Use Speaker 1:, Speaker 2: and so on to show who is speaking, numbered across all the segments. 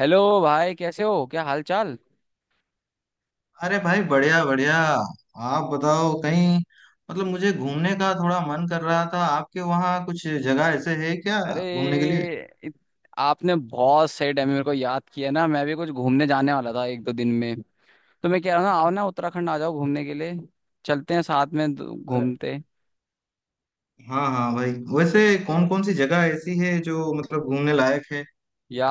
Speaker 1: Hello भाई, कैसे हो? क्या हाल चाल?
Speaker 2: अरे भाई बढ़िया बढ़िया। आप बताओ कहीं। मतलब मुझे घूमने का थोड़ा मन कर रहा था आपके वहाँ कुछ जगह ऐसे है क्या
Speaker 1: अरे,
Speaker 2: घूमने के लिए।
Speaker 1: इत- आपने बहुत सही टाइम में मेरे को याद किया ना। मैं भी कुछ घूमने जाने वाला था एक दो दिन में। तो मैं कह रहा हूँ ना, आओ ना, उत्तराखंड आ जाओ घूमने के लिए। चलते हैं साथ में,
Speaker 2: अरे
Speaker 1: घूमते।
Speaker 2: हाँ हाँ भाई। वैसे कौन कौन सी जगह ऐसी है जो मतलब घूमने लायक है।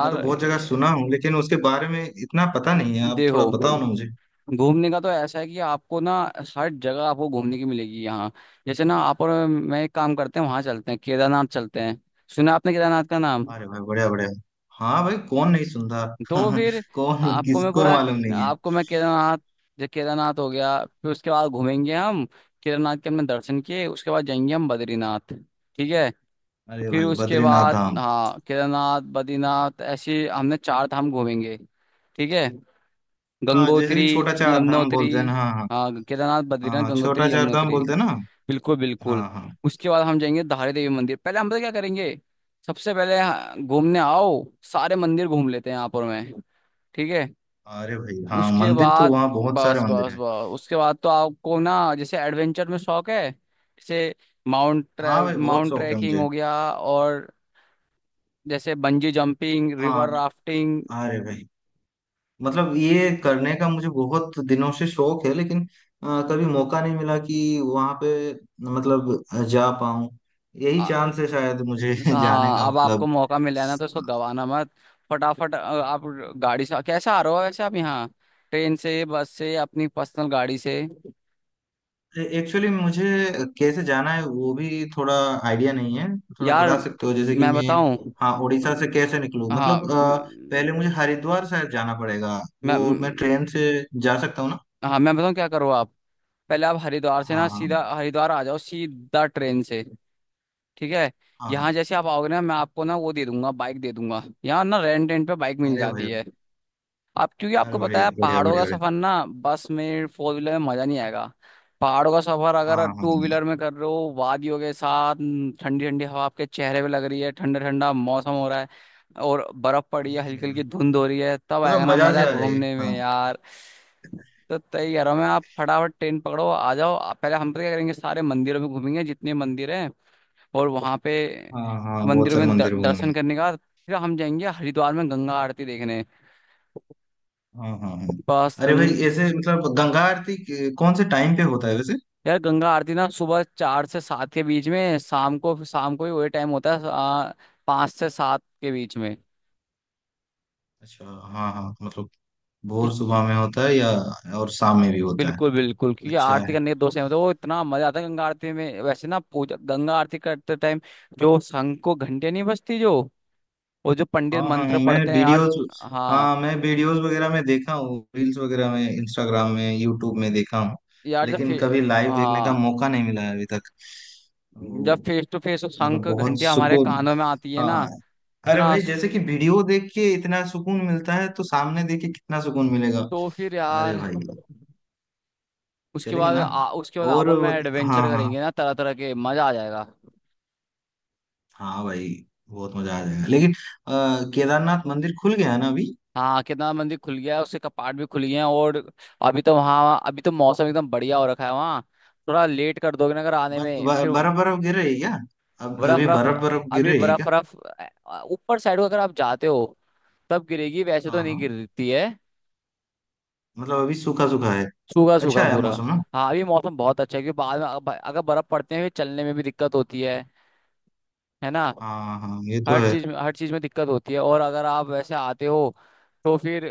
Speaker 2: मैं तो बहुत जगह
Speaker 1: ये-
Speaker 2: सुना हूँ लेकिन उसके बारे में इतना पता नहीं है आप
Speaker 1: देखो,
Speaker 2: थोड़ा बताओ ना मुझे।
Speaker 1: घूमने का तो ऐसा है कि आपको ना हर जगह आपको घूमने की मिलेगी यहाँ। जैसे ना, आप और मैं एक काम करते हैं, वहां चलते हैं, केदारनाथ चलते हैं। सुना आपने केदारनाथ का नाम?
Speaker 2: अरे भाई बढ़िया बढ़िया। हाँ भाई कौन नहीं सुनता।
Speaker 1: तो फिर
Speaker 2: कौन
Speaker 1: आपको मैं
Speaker 2: किसको
Speaker 1: पूरा
Speaker 2: मालूम नहीं है।
Speaker 1: आपको मैं केदारनाथ, जो केदारनाथ हो गया फिर उसके बाद घूमेंगे हम। केदारनाथ के हमने दर्शन किए, उसके बाद जाएंगे हम बद्रीनाथ। ठीक है?
Speaker 2: अरे
Speaker 1: फिर
Speaker 2: भाई
Speaker 1: उसके
Speaker 2: बद्रीनाथ
Speaker 1: बाद
Speaker 2: धाम।
Speaker 1: हाँ, केदारनाथ, बद्रीनाथ, ऐसे हमने चार धाम घूमेंगे। ठीक है?
Speaker 2: हाँ जैसे
Speaker 1: गंगोत्री,
Speaker 2: कि छोटा चार धाम
Speaker 1: यमुनोत्री।
Speaker 2: बोलते हैं ना हाँ हाँ।
Speaker 1: हाँ, केदारनाथ,
Speaker 2: हाँ
Speaker 1: बद्रीनाथ,
Speaker 2: हाँ छोटा
Speaker 1: गंगोत्री,
Speaker 2: चार धाम
Speaker 1: यमुनोत्री।
Speaker 2: बोलते हैं ना।
Speaker 1: बिल्कुल बिल्कुल।
Speaker 2: हाँ हाँ।
Speaker 1: उसके बाद हम जाएंगे धारी देवी मंदिर। पहले हम पता क्या करेंगे? सबसे पहले हाँ, घूमने आओ। सारे मंदिर घूम लेते हैं यहाँ पर मैं। ठीक है?
Speaker 2: अरे भाई हाँ
Speaker 1: उसके
Speaker 2: मंदिर तो
Speaker 1: बाद
Speaker 2: वहाँ बहुत सारे
Speaker 1: बस
Speaker 2: मंदिर
Speaker 1: बस
Speaker 2: है।
Speaker 1: बस उसके बाद तो आपको ना, जैसे एडवेंचर में शौक है, जैसे
Speaker 2: हाँ भाई बहुत
Speaker 1: माउंट
Speaker 2: शौक है
Speaker 1: ट्रैकिंग
Speaker 2: मुझे।
Speaker 1: हो गया, और जैसे बंजी जंपिंग, रिवर
Speaker 2: हाँ
Speaker 1: राफ्टिंग।
Speaker 2: अरे भाई मतलब ये करने का मुझे बहुत दिनों से शौक है लेकिन कभी मौका नहीं मिला कि वहाँ पे मतलब जा पाऊँ। यही
Speaker 1: आ-
Speaker 2: चांस है शायद मुझे जाने
Speaker 1: हाँ,
Speaker 2: का
Speaker 1: अब आपको
Speaker 2: मतलब।
Speaker 1: मौका मिला है ना, तो इसको गवाना मत। फटाफट आप गाड़ी से कैसे आ रहे हो वैसे आप यहाँ? ट्रेन से, बस से, अपनी पर्सनल गाड़ी से?
Speaker 2: एक्चुअली मुझे कैसे जाना है वो भी थोड़ा आइडिया नहीं है। थोड़ा
Speaker 1: यार
Speaker 2: बता सकते हो जैसे कि
Speaker 1: मैं
Speaker 2: मैं
Speaker 1: बताऊं।
Speaker 2: हाँ उड़ीसा से
Speaker 1: अ,
Speaker 2: कैसे निकलूँ
Speaker 1: हाँ
Speaker 2: मतलब
Speaker 1: म- म-
Speaker 2: पहले मुझे हरिद्वार शायद जाना पड़ेगा।
Speaker 1: मैं
Speaker 2: वो मैं ट्रेन से जा सकता हूँ ना।
Speaker 1: हाँ, मैं बताऊं, क्या करो आप? पहले आप हरिद्वार से ना,
Speaker 2: हाँ हाँ
Speaker 1: सीधा हरिद्वार आ जाओ सीधा ट्रेन से। ठीक है?
Speaker 2: हाँ
Speaker 1: यहाँ
Speaker 2: हाँ
Speaker 1: जैसे आप आओगे ना, मैं आपको ना वो दे दूंगा, बाइक दे दूंगा, यहाँ ना रेंट रेंट पे बाइक मिल
Speaker 2: अरे भाई।
Speaker 1: जाती है। आप क्योंकि आपको
Speaker 2: अरे
Speaker 1: पता
Speaker 2: बढ़िया
Speaker 1: है
Speaker 2: बढ़िया
Speaker 1: पहाड़ों का
Speaker 2: बढ़िया बढ़िया।
Speaker 1: सफर ना, बस में, फोर व्हीलर में मजा नहीं आएगा। पहाड़ों का सफर
Speaker 2: हाँ
Speaker 1: अगर
Speaker 2: हाँ
Speaker 1: टू व्हीलर में कर रहे हो वादियों के साथ न, ठंडी ठंडी हवा आपके चेहरे पे लग रही है, ठंडा ठंडा मौसम हो रहा है, और बर्फ
Speaker 2: हाँ
Speaker 1: पड़ी है, हल्की
Speaker 2: अरे
Speaker 1: हल्की
Speaker 2: भाई
Speaker 1: धुंध हो रही है, तब
Speaker 2: मतलब
Speaker 1: आएगा ना
Speaker 2: मजा
Speaker 1: मजा
Speaker 2: से आ जाएगी
Speaker 1: घूमने
Speaker 2: हाँ।
Speaker 1: में यार। तो तय कह रहा हूँ मैं, आप फटाफट ट्रेन पकड़ो, आ जाओ आप। पहले हम तो क्या करेंगे, सारे मंदिरों में घूमेंगे, जितने मंदिर हैं। और वहाँ पे
Speaker 2: हाँ हाँ बहुत
Speaker 1: मंदिरों
Speaker 2: सारे
Speaker 1: में
Speaker 2: मंदिर हो गए
Speaker 1: दर्शन
Speaker 2: हैं।
Speaker 1: करने का, फिर हम जाएंगे हरिद्वार में गंगा आरती देखने।
Speaker 2: हाँ हाँ हाँ
Speaker 1: बस
Speaker 2: अरे
Speaker 1: गंग
Speaker 2: भाई ऐसे मतलब गंगा आरती कौन से टाइम पे होता है वैसे।
Speaker 1: यार, गंगा आरती ना सुबह 4 से 7 के बीच में, शाम को, शाम को ही वही टाइम होता है। 5 से 7 के बीच में।
Speaker 2: अच्छा हाँ हाँ मतलब भोर सुबह में होता है या और शाम में भी होता है।
Speaker 1: बिल्कुल बिल्कुल, क्योंकि
Speaker 2: अच्छा
Speaker 1: आरती
Speaker 2: है।
Speaker 1: करने के दो समय होते हैं। वो इतना मजा आता है गंगा आरती में वैसे ना, पूजा गंगा आरती करते टाइम, जो शंख को घंटे नहीं बजती, जो वो जो पंडित
Speaker 2: हाँ हाँ
Speaker 1: मंत्र पढ़ते हैं यार। हाँ।
Speaker 2: हाँ मैं वीडियोस वगैरह में देखा हूँ रील्स वगैरह में इंस्टाग्राम में यूट्यूब में देखा हूँ।
Speaker 1: यार जब फे,
Speaker 2: लेकिन कभी लाइव देखने का
Speaker 1: हाँ,
Speaker 2: मौका नहीं मिला है अभी तक।
Speaker 1: जब
Speaker 2: तो,
Speaker 1: फेस टू फेस
Speaker 2: मतलब
Speaker 1: शंख
Speaker 2: बहुत
Speaker 1: घंटियां हमारे
Speaker 2: सुकून
Speaker 1: कानों में आती है ना,
Speaker 2: हाँ। अरे
Speaker 1: इतना।
Speaker 2: भाई जैसे कि वीडियो देख के इतना सुकून मिलता है तो सामने देख के कितना सुकून मिलेगा।
Speaker 1: तो फिर
Speaker 2: अरे
Speaker 1: यार
Speaker 2: भाई
Speaker 1: उसके
Speaker 2: चलेंगे
Speaker 1: बाद
Speaker 2: ना
Speaker 1: उसके बाद
Speaker 2: और
Speaker 1: आपस में एडवेंचर
Speaker 2: हाँ हाँ
Speaker 1: करेंगे ना तरह तरह के, मजा आ जाएगा।
Speaker 2: हाँ भाई बहुत मजा आ जाएगा लेकिन अ, केदारनाथ मंदिर खुल गया है ना अभी।
Speaker 1: हाँ, कितना मंदिर खुल गया है, उसके कपाट भी खुल गए हैं, और अभी तो वहाँ, अभी तो मौसम एकदम बढ़िया हो रखा है वहाँ। थोड़ा लेट कर दोगे ना अगर आने में फिर।
Speaker 2: बर्फ बर्फ गिर रही है क्या। अब
Speaker 1: बर्फ
Speaker 2: अभी
Speaker 1: बर्फ,
Speaker 2: बर्फ बर्फ गिर
Speaker 1: अभी
Speaker 2: रही है
Speaker 1: बर्फ
Speaker 2: क्या।
Speaker 1: बर्फ, ऊपर साइड को अगर आप जाते हो तब गिरेगी, वैसे तो
Speaker 2: हाँ
Speaker 1: नहीं
Speaker 2: हाँ
Speaker 1: गिरती है।
Speaker 2: मतलब अभी सूखा सूखा है।
Speaker 1: सूखा
Speaker 2: अच्छा
Speaker 1: सूखा
Speaker 2: है
Speaker 1: पूरा।
Speaker 2: मौसम ना।
Speaker 1: हाँ, अभी मौसम बहुत अच्छा है, क्योंकि बाद में अगर बर्फ पड़ते हैं फिर चलने में भी दिक्कत होती है। है ना?
Speaker 2: हाँ हाँ ये तो
Speaker 1: हर
Speaker 2: है।
Speaker 1: चीज में हर चीज में दिक्कत होती है। और अगर आप वैसे आते हो तो फिर,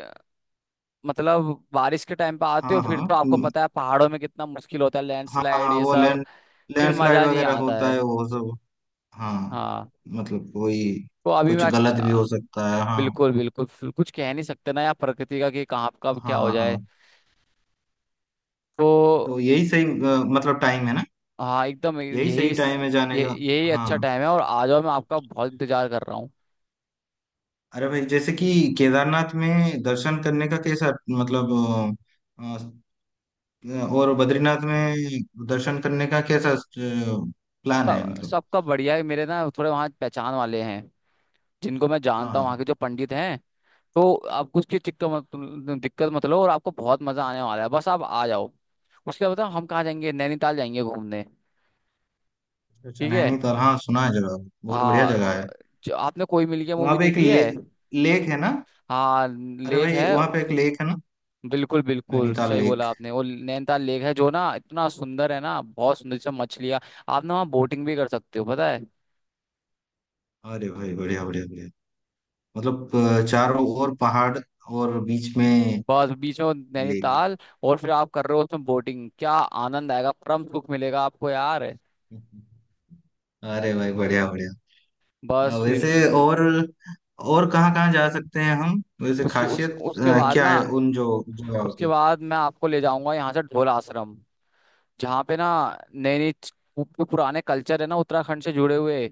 Speaker 1: मतलब बारिश के टाइम पे आते हो,
Speaker 2: हाँ
Speaker 1: फिर
Speaker 2: हाँ
Speaker 1: तो आपको
Speaker 2: हम्म,
Speaker 1: पता है पहाड़ों में कितना मुश्किल होता है,
Speaker 2: हाँ
Speaker 1: लैंडस्लाइड
Speaker 2: हाँ
Speaker 1: ये
Speaker 2: वो
Speaker 1: सब। फिर
Speaker 2: लैंडस्लाइड
Speaker 1: मजा नहीं
Speaker 2: वगैरह
Speaker 1: आता
Speaker 2: होता है
Speaker 1: है।
Speaker 2: वो सब। हाँ
Speaker 1: हाँ।
Speaker 2: मतलब कोई
Speaker 1: तो अभी मैं,
Speaker 2: कुछ गलत भी
Speaker 1: अच्छा,
Speaker 2: हो सकता है हाँ।
Speaker 1: बिल्कुल बिल्कुल, फिर कुछ कह नहीं सकते ना यार प्रकृति का कि कहाँ कब क्या हो
Speaker 2: हाँ
Speaker 1: जाए।
Speaker 2: हाँ
Speaker 1: तो
Speaker 2: तो यही सही मतलब टाइम है ना।
Speaker 1: हाँ, एकदम
Speaker 2: यही
Speaker 1: यही,
Speaker 2: सही टाइम है जाने
Speaker 1: ये
Speaker 2: का।
Speaker 1: यही
Speaker 2: हाँ
Speaker 1: अच्छा टाइम है, और आ जाओ, मैं आपका बहुत इंतजार कर रहा हूँ।
Speaker 2: अरे भाई जैसे कि केदारनाथ में दर्शन करने का कैसा मतलब अ, और बद्रीनाथ में दर्शन करने का कैसा प्लान है
Speaker 1: सब
Speaker 2: मतलब।
Speaker 1: सबका बढ़िया है, मेरे ना थोड़े वहाँ पहचान वाले हैं, जिनको मैं
Speaker 2: हाँ
Speaker 1: जानता हूँ
Speaker 2: हाँ
Speaker 1: वहाँ के जो पंडित हैं। तो आपको उसकी दिक्कत मत दिक्कत मत लो, और आपको बहुत मजा आने वाला है, बस आप आ जाओ। उसके बाद बताओ हम कहाँ जाएंगे, नैनीताल जाएंगे घूमने।
Speaker 2: अच्छा
Speaker 1: ठीक है?
Speaker 2: नैनीताल हाँ सुना है जगह बहुत बढ़िया
Speaker 1: हाँ,
Speaker 2: जगह है।
Speaker 1: जो आपने कोई मिल गया
Speaker 2: वहाँ
Speaker 1: मूवी
Speaker 2: पे एक
Speaker 1: देखी है।
Speaker 2: लेक है ना।
Speaker 1: हाँ,
Speaker 2: अरे
Speaker 1: लेक
Speaker 2: भाई
Speaker 1: है।
Speaker 2: वहाँ पे एक लेक है ना
Speaker 1: बिल्कुल बिल्कुल,
Speaker 2: नैनीताल
Speaker 1: सही
Speaker 2: लेक।
Speaker 1: बोला आपने, वो नैनीताल लेक है, जो ना इतना सुंदर है ना, बहुत सुंदर सा, मछलियाँ। आप ना वहाँ बोटिंग भी कर सकते हो, पता है?
Speaker 2: अरे भाई बढ़िया बढ़िया बढ़िया मतलब चारों ओर पहाड़ और बीच में
Speaker 1: बस बीच में वो
Speaker 2: लेक।
Speaker 1: नैनीताल, और फिर आप कर रहे हो उसमें बोटिंग, क्या आनंद आएगा, परम सुख मिलेगा आपको यार।
Speaker 2: अरे भाई बढ़िया बढ़िया
Speaker 1: बस
Speaker 2: वैसे
Speaker 1: फिर,
Speaker 2: और और कहाँ कहाँ जा सकते हैं हम वैसे
Speaker 1: उसके उस
Speaker 2: खासियत
Speaker 1: उसके बाद
Speaker 2: क्या
Speaker 1: ना
Speaker 2: है उन जो जगहों
Speaker 1: उसके
Speaker 2: की।
Speaker 1: बाद मैं आपको ले जाऊंगा यहाँ से ढोल आश्रम, जहाँ पे ना, नई नई, जो पुराने कल्चर है ना उत्तराखंड से जुड़े हुए,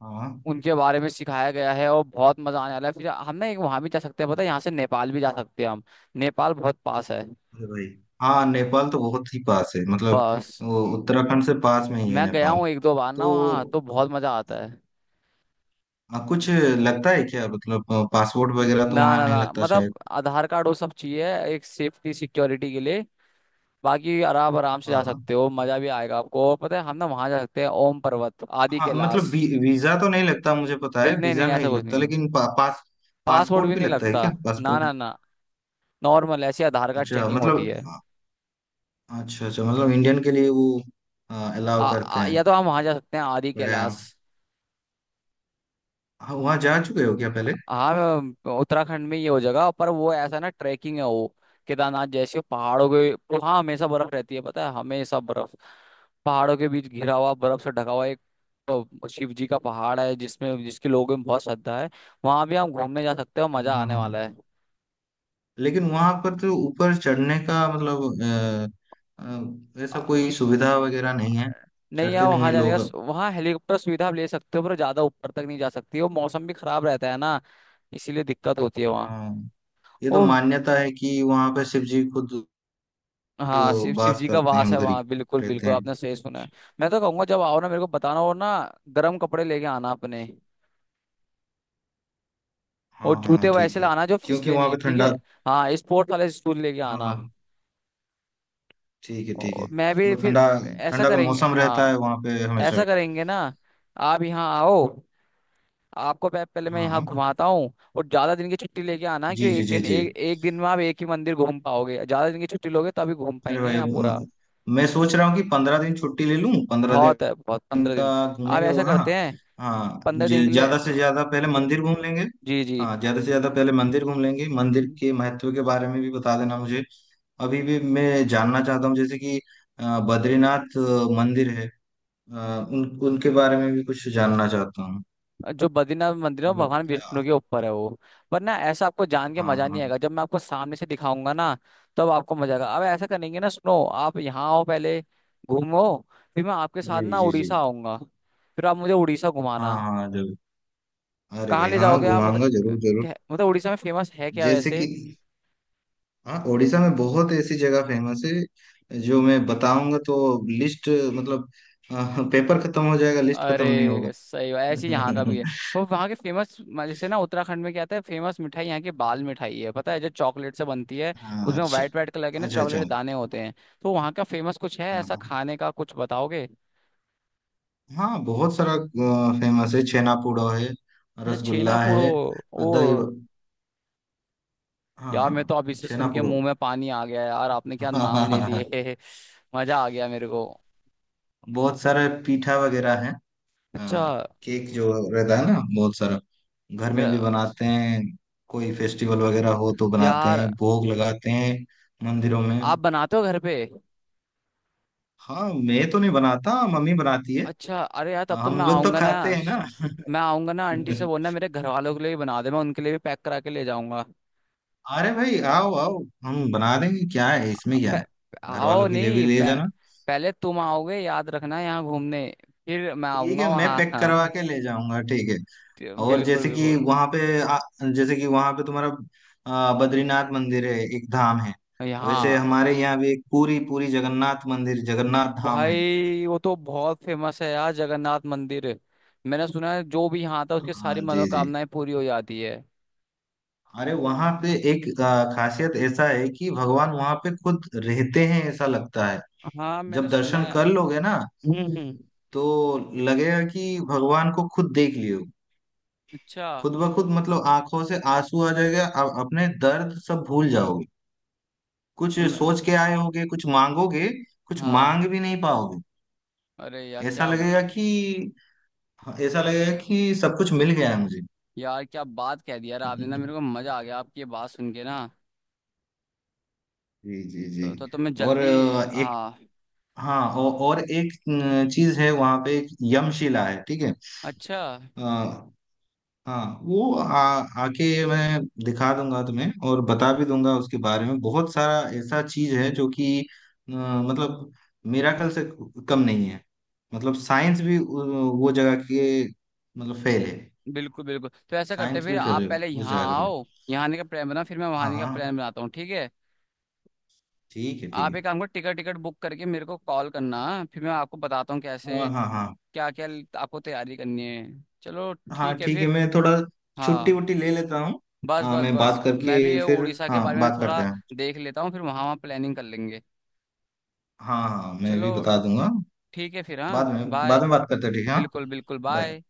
Speaker 2: हाँ
Speaker 1: उनके बारे में सिखाया गया है। और बहुत मजा आने वाला है। फिर हम ना एक वहां भी जा सकते हैं, पता है, यहाँ से नेपाल भी जा सकते हैं हम। नेपाल बहुत पास है।
Speaker 2: अरे भाई हाँ नेपाल तो बहुत ही पास है मतलब
Speaker 1: बस,
Speaker 2: वो उत्तराखंड से पास में ही है
Speaker 1: मैं गया
Speaker 2: नेपाल।
Speaker 1: हूँ एक दो बार ना वहाँ,
Speaker 2: तो
Speaker 1: तो बहुत मजा आता है।
Speaker 2: कुछ लगता है क्या मतलब पासपोर्ट वगैरह तो
Speaker 1: ना
Speaker 2: वहाँ
Speaker 1: ना
Speaker 2: नहीं
Speaker 1: ना,
Speaker 2: लगता
Speaker 1: मतलब
Speaker 2: शायद।
Speaker 1: आधार कार्ड वो सब चाहिए एक सेफ्टी सिक्योरिटी के लिए। बाकी आराम आराम से
Speaker 2: हाँ
Speaker 1: जा
Speaker 2: हाँ
Speaker 1: सकते हो, मजा भी आएगा आपको। और पता है, हम ना वहां जा सकते हैं ओम पर्वत, आदि
Speaker 2: हाँ
Speaker 1: कैलाश।
Speaker 2: मतलब वीजा तो नहीं लगता मुझे पता है
Speaker 1: बिल नहीं नहीं,
Speaker 2: वीजा
Speaker 1: ऐसा
Speaker 2: नहीं
Speaker 1: कुछ
Speaker 2: लगता
Speaker 1: नहीं,
Speaker 2: लेकिन पा, पास
Speaker 1: पासवर्ड
Speaker 2: पासपोर्ट
Speaker 1: भी
Speaker 2: भी
Speaker 1: नहीं
Speaker 2: लगता है
Speaker 1: लगता।
Speaker 2: क्या
Speaker 1: ना
Speaker 2: पासपोर्ट।
Speaker 1: ना ना, नॉर्मल ऐसी आधार कार्ड
Speaker 2: अच्छा
Speaker 1: चेकिंग होती
Speaker 2: मतलब
Speaker 1: है।
Speaker 2: अच्छा अच्छा मतलब इंडियन के लिए वो
Speaker 1: आ,
Speaker 2: अलाउ करते
Speaker 1: आ,
Speaker 2: हैं।
Speaker 1: या तो हम वहाँ जा सकते हैं आदि
Speaker 2: बढ़िया
Speaker 1: कैलाश।
Speaker 2: हाँ, वहाँ जा चुके हो क्या पहले।
Speaker 1: हाँ, उत्तराखंड में ये हो जगह पर, वो ऐसा ना, ट्रैकिंग है वो। केदारनाथ जैसे पहाड़ों के, वहाँ हमेशा बर्फ रहती है, पता है, हमेशा बर्फ। पहाड़ों के बीच घिरा हुआ, बर्फ से ढका हुआ एक, तो शिव जी का पहाड़ है जिसमें, जिसके लोगों में बहुत श्रद्धा है। वहां भी हम घूमने जा सकते हैं, और मजा
Speaker 2: हाँ
Speaker 1: आने
Speaker 2: हाँ हाँ।
Speaker 1: वाला
Speaker 2: लेकिन वहां पर तो ऊपर चढ़ने का मतलब ऐसा
Speaker 1: है।
Speaker 2: कोई सुविधा वगैरह नहीं है।
Speaker 1: नहीं यार,
Speaker 2: चढ़ते नहीं
Speaker 1: वहाँ
Speaker 2: है
Speaker 1: जाने
Speaker 2: लोग।
Speaker 1: का, वहाँ हेलीकॉप्टर सुविधा आप ले सकते हो, पर ज्यादा ऊपर तक नहीं जा सकती, वो मौसम भी खराब रहता है ना, इसीलिए दिक्कत होती है वहाँ।
Speaker 2: हाँ ये तो
Speaker 1: वो
Speaker 2: मान्यता है कि वहां पे शिव जी खुद
Speaker 1: हाँ, शिव
Speaker 2: तो
Speaker 1: शिव
Speaker 2: वास
Speaker 1: जी का
Speaker 2: करते
Speaker 1: वास
Speaker 2: हैं
Speaker 1: है
Speaker 2: उधर ही
Speaker 1: वहाँ, बिल्कुल
Speaker 2: रहते
Speaker 1: बिल्कुल,
Speaker 2: हैं।
Speaker 1: आपने सही सुना है। मैं तो कहूंगा, जब आओ ना मेरे को बताना, और ना गर्म कपड़े लेके आना अपने, और
Speaker 2: हाँ हाँ
Speaker 1: जूते
Speaker 2: हाँ ठीक
Speaker 1: वैसे
Speaker 2: है
Speaker 1: लाना जो
Speaker 2: क्योंकि
Speaker 1: फिसले
Speaker 2: वहां
Speaker 1: नहीं,
Speaker 2: पे
Speaker 1: ठीक
Speaker 2: ठंडा।
Speaker 1: है? हाँ, स्पोर्ट्स वाले शूज लेके
Speaker 2: हाँ
Speaker 1: आना।
Speaker 2: हाँ ठीक
Speaker 1: और
Speaker 2: है
Speaker 1: मैं भी
Speaker 2: मतलब
Speaker 1: फिर,
Speaker 2: ठंडा
Speaker 1: ऐसा
Speaker 2: ठंडा का
Speaker 1: करेंगे
Speaker 2: मौसम रहता है
Speaker 1: हाँ,
Speaker 2: वहां पे
Speaker 1: ऐसा
Speaker 2: हमेशा।
Speaker 1: करेंगे ना। आप यहाँ आओ, आपको पहले मैं
Speaker 2: हाँ
Speaker 1: यहाँ
Speaker 2: हाँ
Speaker 1: घुमाता हूँ, और ज्यादा दिन की छुट्टी लेके आना
Speaker 2: जी
Speaker 1: क्यों,
Speaker 2: जी
Speaker 1: एक
Speaker 2: जी
Speaker 1: दिन,
Speaker 2: जी।
Speaker 1: एक एक दिन में आप एक ही मंदिर घूम पाओगे, ज्यादा दिन की छुट्टी लोगे तभी घूम
Speaker 2: अरे
Speaker 1: पाएंगे
Speaker 2: भाई
Speaker 1: यहाँ पूरा।
Speaker 2: मैं सोच रहा हूँ कि 15 दिन छुट्टी ले लूँ पंद्रह
Speaker 1: बहुत है बहुत,
Speaker 2: दिन
Speaker 1: पंद्रह
Speaker 2: का
Speaker 1: दिन आप
Speaker 2: घूमेंगे
Speaker 1: ऐसा
Speaker 2: वहाँ।
Speaker 1: करते हैं,
Speaker 2: हाँ
Speaker 1: 15 दिन के लिए
Speaker 2: ज्यादा से ज्यादा पहले मंदिर घूम लेंगे।
Speaker 1: जी जी।
Speaker 2: हाँ ज्यादा से ज्यादा पहले मंदिर घूम लेंगे मंदिर के महत्व के बारे में भी बता देना मुझे। अभी भी मैं जानना चाहता हूँ जैसे कि बद्रीनाथ मंदिर है अ, उन उनके बारे में भी कुछ जानना चाहता हूँ
Speaker 1: जो बद्रीनाथ मंदिर है वो
Speaker 2: मतलब
Speaker 1: भगवान विष्णु
Speaker 2: क्या।
Speaker 1: के ऊपर है वो, पर ना ऐसा आपको जान के
Speaker 2: हाँ
Speaker 1: मजा
Speaker 2: हाँ
Speaker 1: नहीं आएगा, जब मैं आपको सामने से दिखाऊंगा ना, तब आपको मजा आएगा। अब ऐसा करेंगे ना, सुनो, आप यहाँ आओ, पहले घूमो, फिर मैं आपके साथ
Speaker 2: जी
Speaker 1: ना
Speaker 2: जी जी
Speaker 1: उड़ीसा आऊंगा, फिर आप मुझे उड़ीसा घुमाना।
Speaker 2: हाँ हाँ जरूर अरे
Speaker 1: कहाँ
Speaker 2: भाई
Speaker 1: ले
Speaker 2: हाँ
Speaker 1: जाओगे आप, मतलब
Speaker 2: घुमाऊंगा जरूर जरूर।
Speaker 1: मतलब उड़ीसा में फेमस है क्या
Speaker 2: जैसे
Speaker 1: वैसे?
Speaker 2: कि हाँ उड़ीसा में बहुत ऐसी जगह फेमस है जो मैं बताऊंगा तो लिस्ट मतलब पेपर खत्म हो जाएगा लिस्ट खत्म नहीं होगा।
Speaker 1: अरे सही बात, ऐसे ही यहाँ का भी है। वो वहाँ के फेमस, जैसे ना उत्तराखंड में क्या आता है फेमस, मिठाई यहाँ की बाल मिठाई है, पता है, जो चॉकलेट से बनती है,
Speaker 2: हाँ
Speaker 1: उसमें
Speaker 2: अच्छा
Speaker 1: वाइट वाइट कलर के ना
Speaker 2: अच्छा अच्छा
Speaker 1: चॉकलेट दाने होते हैं। तो वहाँ का फेमस कुछ है
Speaker 2: हाँ
Speaker 1: ऐसा
Speaker 2: हाँ
Speaker 1: खाने का, कुछ बताओगे?
Speaker 2: हाँ, बहुत सारा फेमस है छेनापोड़ा है
Speaker 1: जैसे छेना
Speaker 2: रसगुल्ला
Speaker 1: पोड़ो,
Speaker 2: है दही
Speaker 1: ओ!
Speaker 2: हाँ
Speaker 1: यार मैं तो अब इसे सुन के
Speaker 2: छेनापोड़ो।
Speaker 1: मुंह में पानी आ गया, यार आपने क्या नाम ले लिए। मजा आ गया मेरे को।
Speaker 2: बहुत सारे पीठा वगैरह है
Speaker 1: अच्छा।
Speaker 2: हाँ केक जो रहता है ना बहुत सारा घर में
Speaker 1: मेरा,
Speaker 2: भी बनाते हैं कोई फेस्टिवल वगैरह हो तो बनाते
Speaker 1: यार
Speaker 2: हैं भोग लगाते हैं मंदिरों
Speaker 1: आप
Speaker 2: में।
Speaker 1: बनाते हो घर पे?
Speaker 2: हाँ मैं तो नहीं बनाता मम्मी बनाती है
Speaker 1: अच्छा, अरे यार तब तो मैं
Speaker 2: हम लोग तो
Speaker 1: आऊंगा ना।
Speaker 2: खाते हैं ना।
Speaker 1: मैं आऊंगा ना, आंटी से बोलना मेरे घर वालों के लिए भी बना दे, मैं उनके लिए भी पैक करा के ले जाऊंगा।
Speaker 2: अरे भाई आओ आओ हम बना देंगे क्या है इसमें क्या
Speaker 1: पे-
Speaker 2: है घर
Speaker 1: आओ
Speaker 2: वालों के लिए भी
Speaker 1: नहीं
Speaker 2: ले
Speaker 1: पे,
Speaker 2: जाना।
Speaker 1: पहले तुम आओगे याद रखना, यहाँ घूमने, फिर मैं
Speaker 2: ठीक
Speaker 1: आऊंगा
Speaker 2: है मैं
Speaker 1: वहाँ।
Speaker 2: पैक करवा
Speaker 1: हाँ,
Speaker 2: के ले जाऊंगा ठीक है। और
Speaker 1: बिल्कुल
Speaker 2: जैसे कि
Speaker 1: बिल्कुल।
Speaker 2: वहां पे जैसे कि वहां पे तुम्हारा बद्रीनाथ मंदिर है एक धाम है। वैसे
Speaker 1: यहाँ,
Speaker 2: हमारे यहाँ भी एक पूरी पूरी जगन्नाथ मंदिर जगन्नाथ धाम है।
Speaker 1: भाई वो तो बहुत फेमस है यार जगन्नाथ मंदिर। मैंने सुना है जो भी यहाँ था उसकी सारी
Speaker 2: हाँ जी जी।
Speaker 1: मनोकामनाएं पूरी हो जाती है।
Speaker 2: अरे वहां पे एक खासियत ऐसा है कि भगवान वहां पे खुद रहते हैं ऐसा लगता है।
Speaker 1: हाँ, मैंने
Speaker 2: जब
Speaker 1: सुना
Speaker 2: दर्शन
Speaker 1: है।
Speaker 2: कर लोगे ना
Speaker 1: हम्म।
Speaker 2: तो लगेगा कि भगवान को खुद देख लियो।
Speaker 1: अच्छा।
Speaker 2: खुद ब खुद मतलब आंखों से आंसू आ जाएगा आप अपने दर्द सब भूल जाओगे।
Speaker 1: तो
Speaker 2: कुछ
Speaker 1: तुम,
Speaker 2: सोच के आए होगे कुछ मांगोगे कुछ
Speaker 1: हाँ,
Speaker 2: मांग भी नहीं पाओगे।
Speaker 1: अरे यार
Speaker 2: ऐसा
Speaker 1: क्या,
Speaker 2: लगेगा कि हाँ, ऐसा लगेगा कि सब कुछ मिल गया है मुझे।
Speaker 1: यार क्या बात कह दी यार आपने ना, मेरे को मजा आ गया आपकी ये बात सुन के ना।
Speaker 2: जी जी जी।
Speaker 1: तो मैं
Speaker 2: और
Speaker 1: जल्दी,
Speaker 2: एक
Speaker 1: हाँ,
Speaker 2: हाँ और एक चीज है वहां पे एक यमशिला है ठीक है।
Speaker 1: अच्छा,
Speaker 2: अ, हाँ वो आके मैं दिखा दूंगा तुम्हें और बता भी दूंगा उसके बारे में बहुत सारा ऐसा चीज है जो कि मतलब मिराकल से कम नहीं है मतलब साइंस भी वो जगह के मतलब फेल है।
Speaker 1: बिल्कुल बिल्कुल। तो ऐसा करते हैं,
Speaker 2: साइंस
Speaker 1: फिर
Speaker 2: भी फेल
Speaker 1: आप
Speaker 2: है
Speaker 1: पहले
Speaker 2: उस
Speaker 1: यहाँ
Speaker 2: जगह के लिए।
Speaker 1: आओ, यहाँ आने का प्लान बना, फिर मैं वहाँ
Speaker 2: हाँ
Speaker 1: आने का
Speaker 2: हाँ,
Speaker 1: प्लान बनाता हूँ, ठीक है?
Speaker 2: ठीक
Speaker 1: आप एक
Speaker 2: है
Speaker 1: काम करो, टिकट टिकट बुक करके मेरे को कॉल करना, फिर मैं आपको बताता हूँ कैसे,
Speaker 2: हाँ हाँ हाँ
Speaker 1: क्या क्या आपको तैयारी करनी है। चलो,
Speaker 2: हाँ
Speaker 1: ठीक है
Speaker 2: ठीक है
Speaker 1: फिर।
Speaker 2: मैं थोड़ा छुट्टी
Speaker 1: हाँ,
Speaker 2: वुट्टी ले लेता हूँ।
Speaker 1: बस
Speaker 2: हाँ
Speaker 1: बस
Speaker 2: मैं
Speaker 1: बस
Speaker 2: बात करके
Speaker 1: मैं भी ये
Speaker 2: फिर
Speaker 1: उड़ीसा के
Speaker 2: हाँ
Speaker 1: बारे में
Speaker 2: बात करते
Speaker 1: थोड़ा
Speaker 2: हैं।
Speaker 1: देख लेता हूँ, फिर वहाँ वहाँ प्लानिंग कर लेंगे।
Speaker 2: हाँ हाँ मैं
Speaker 1: चलो,
Speaker 2: भी बता दूंगा।
Speaker 1: ठीक है फिर, हाँ,
Speaker 2: बाद
Speaker 1: बाय।
Speaker 2: में बात करते हैं ठीक है हाँ
Speaker 1: बिल्कुल बिल्कुल,
Speaker 2: बाय।
Speaker 1: बाय।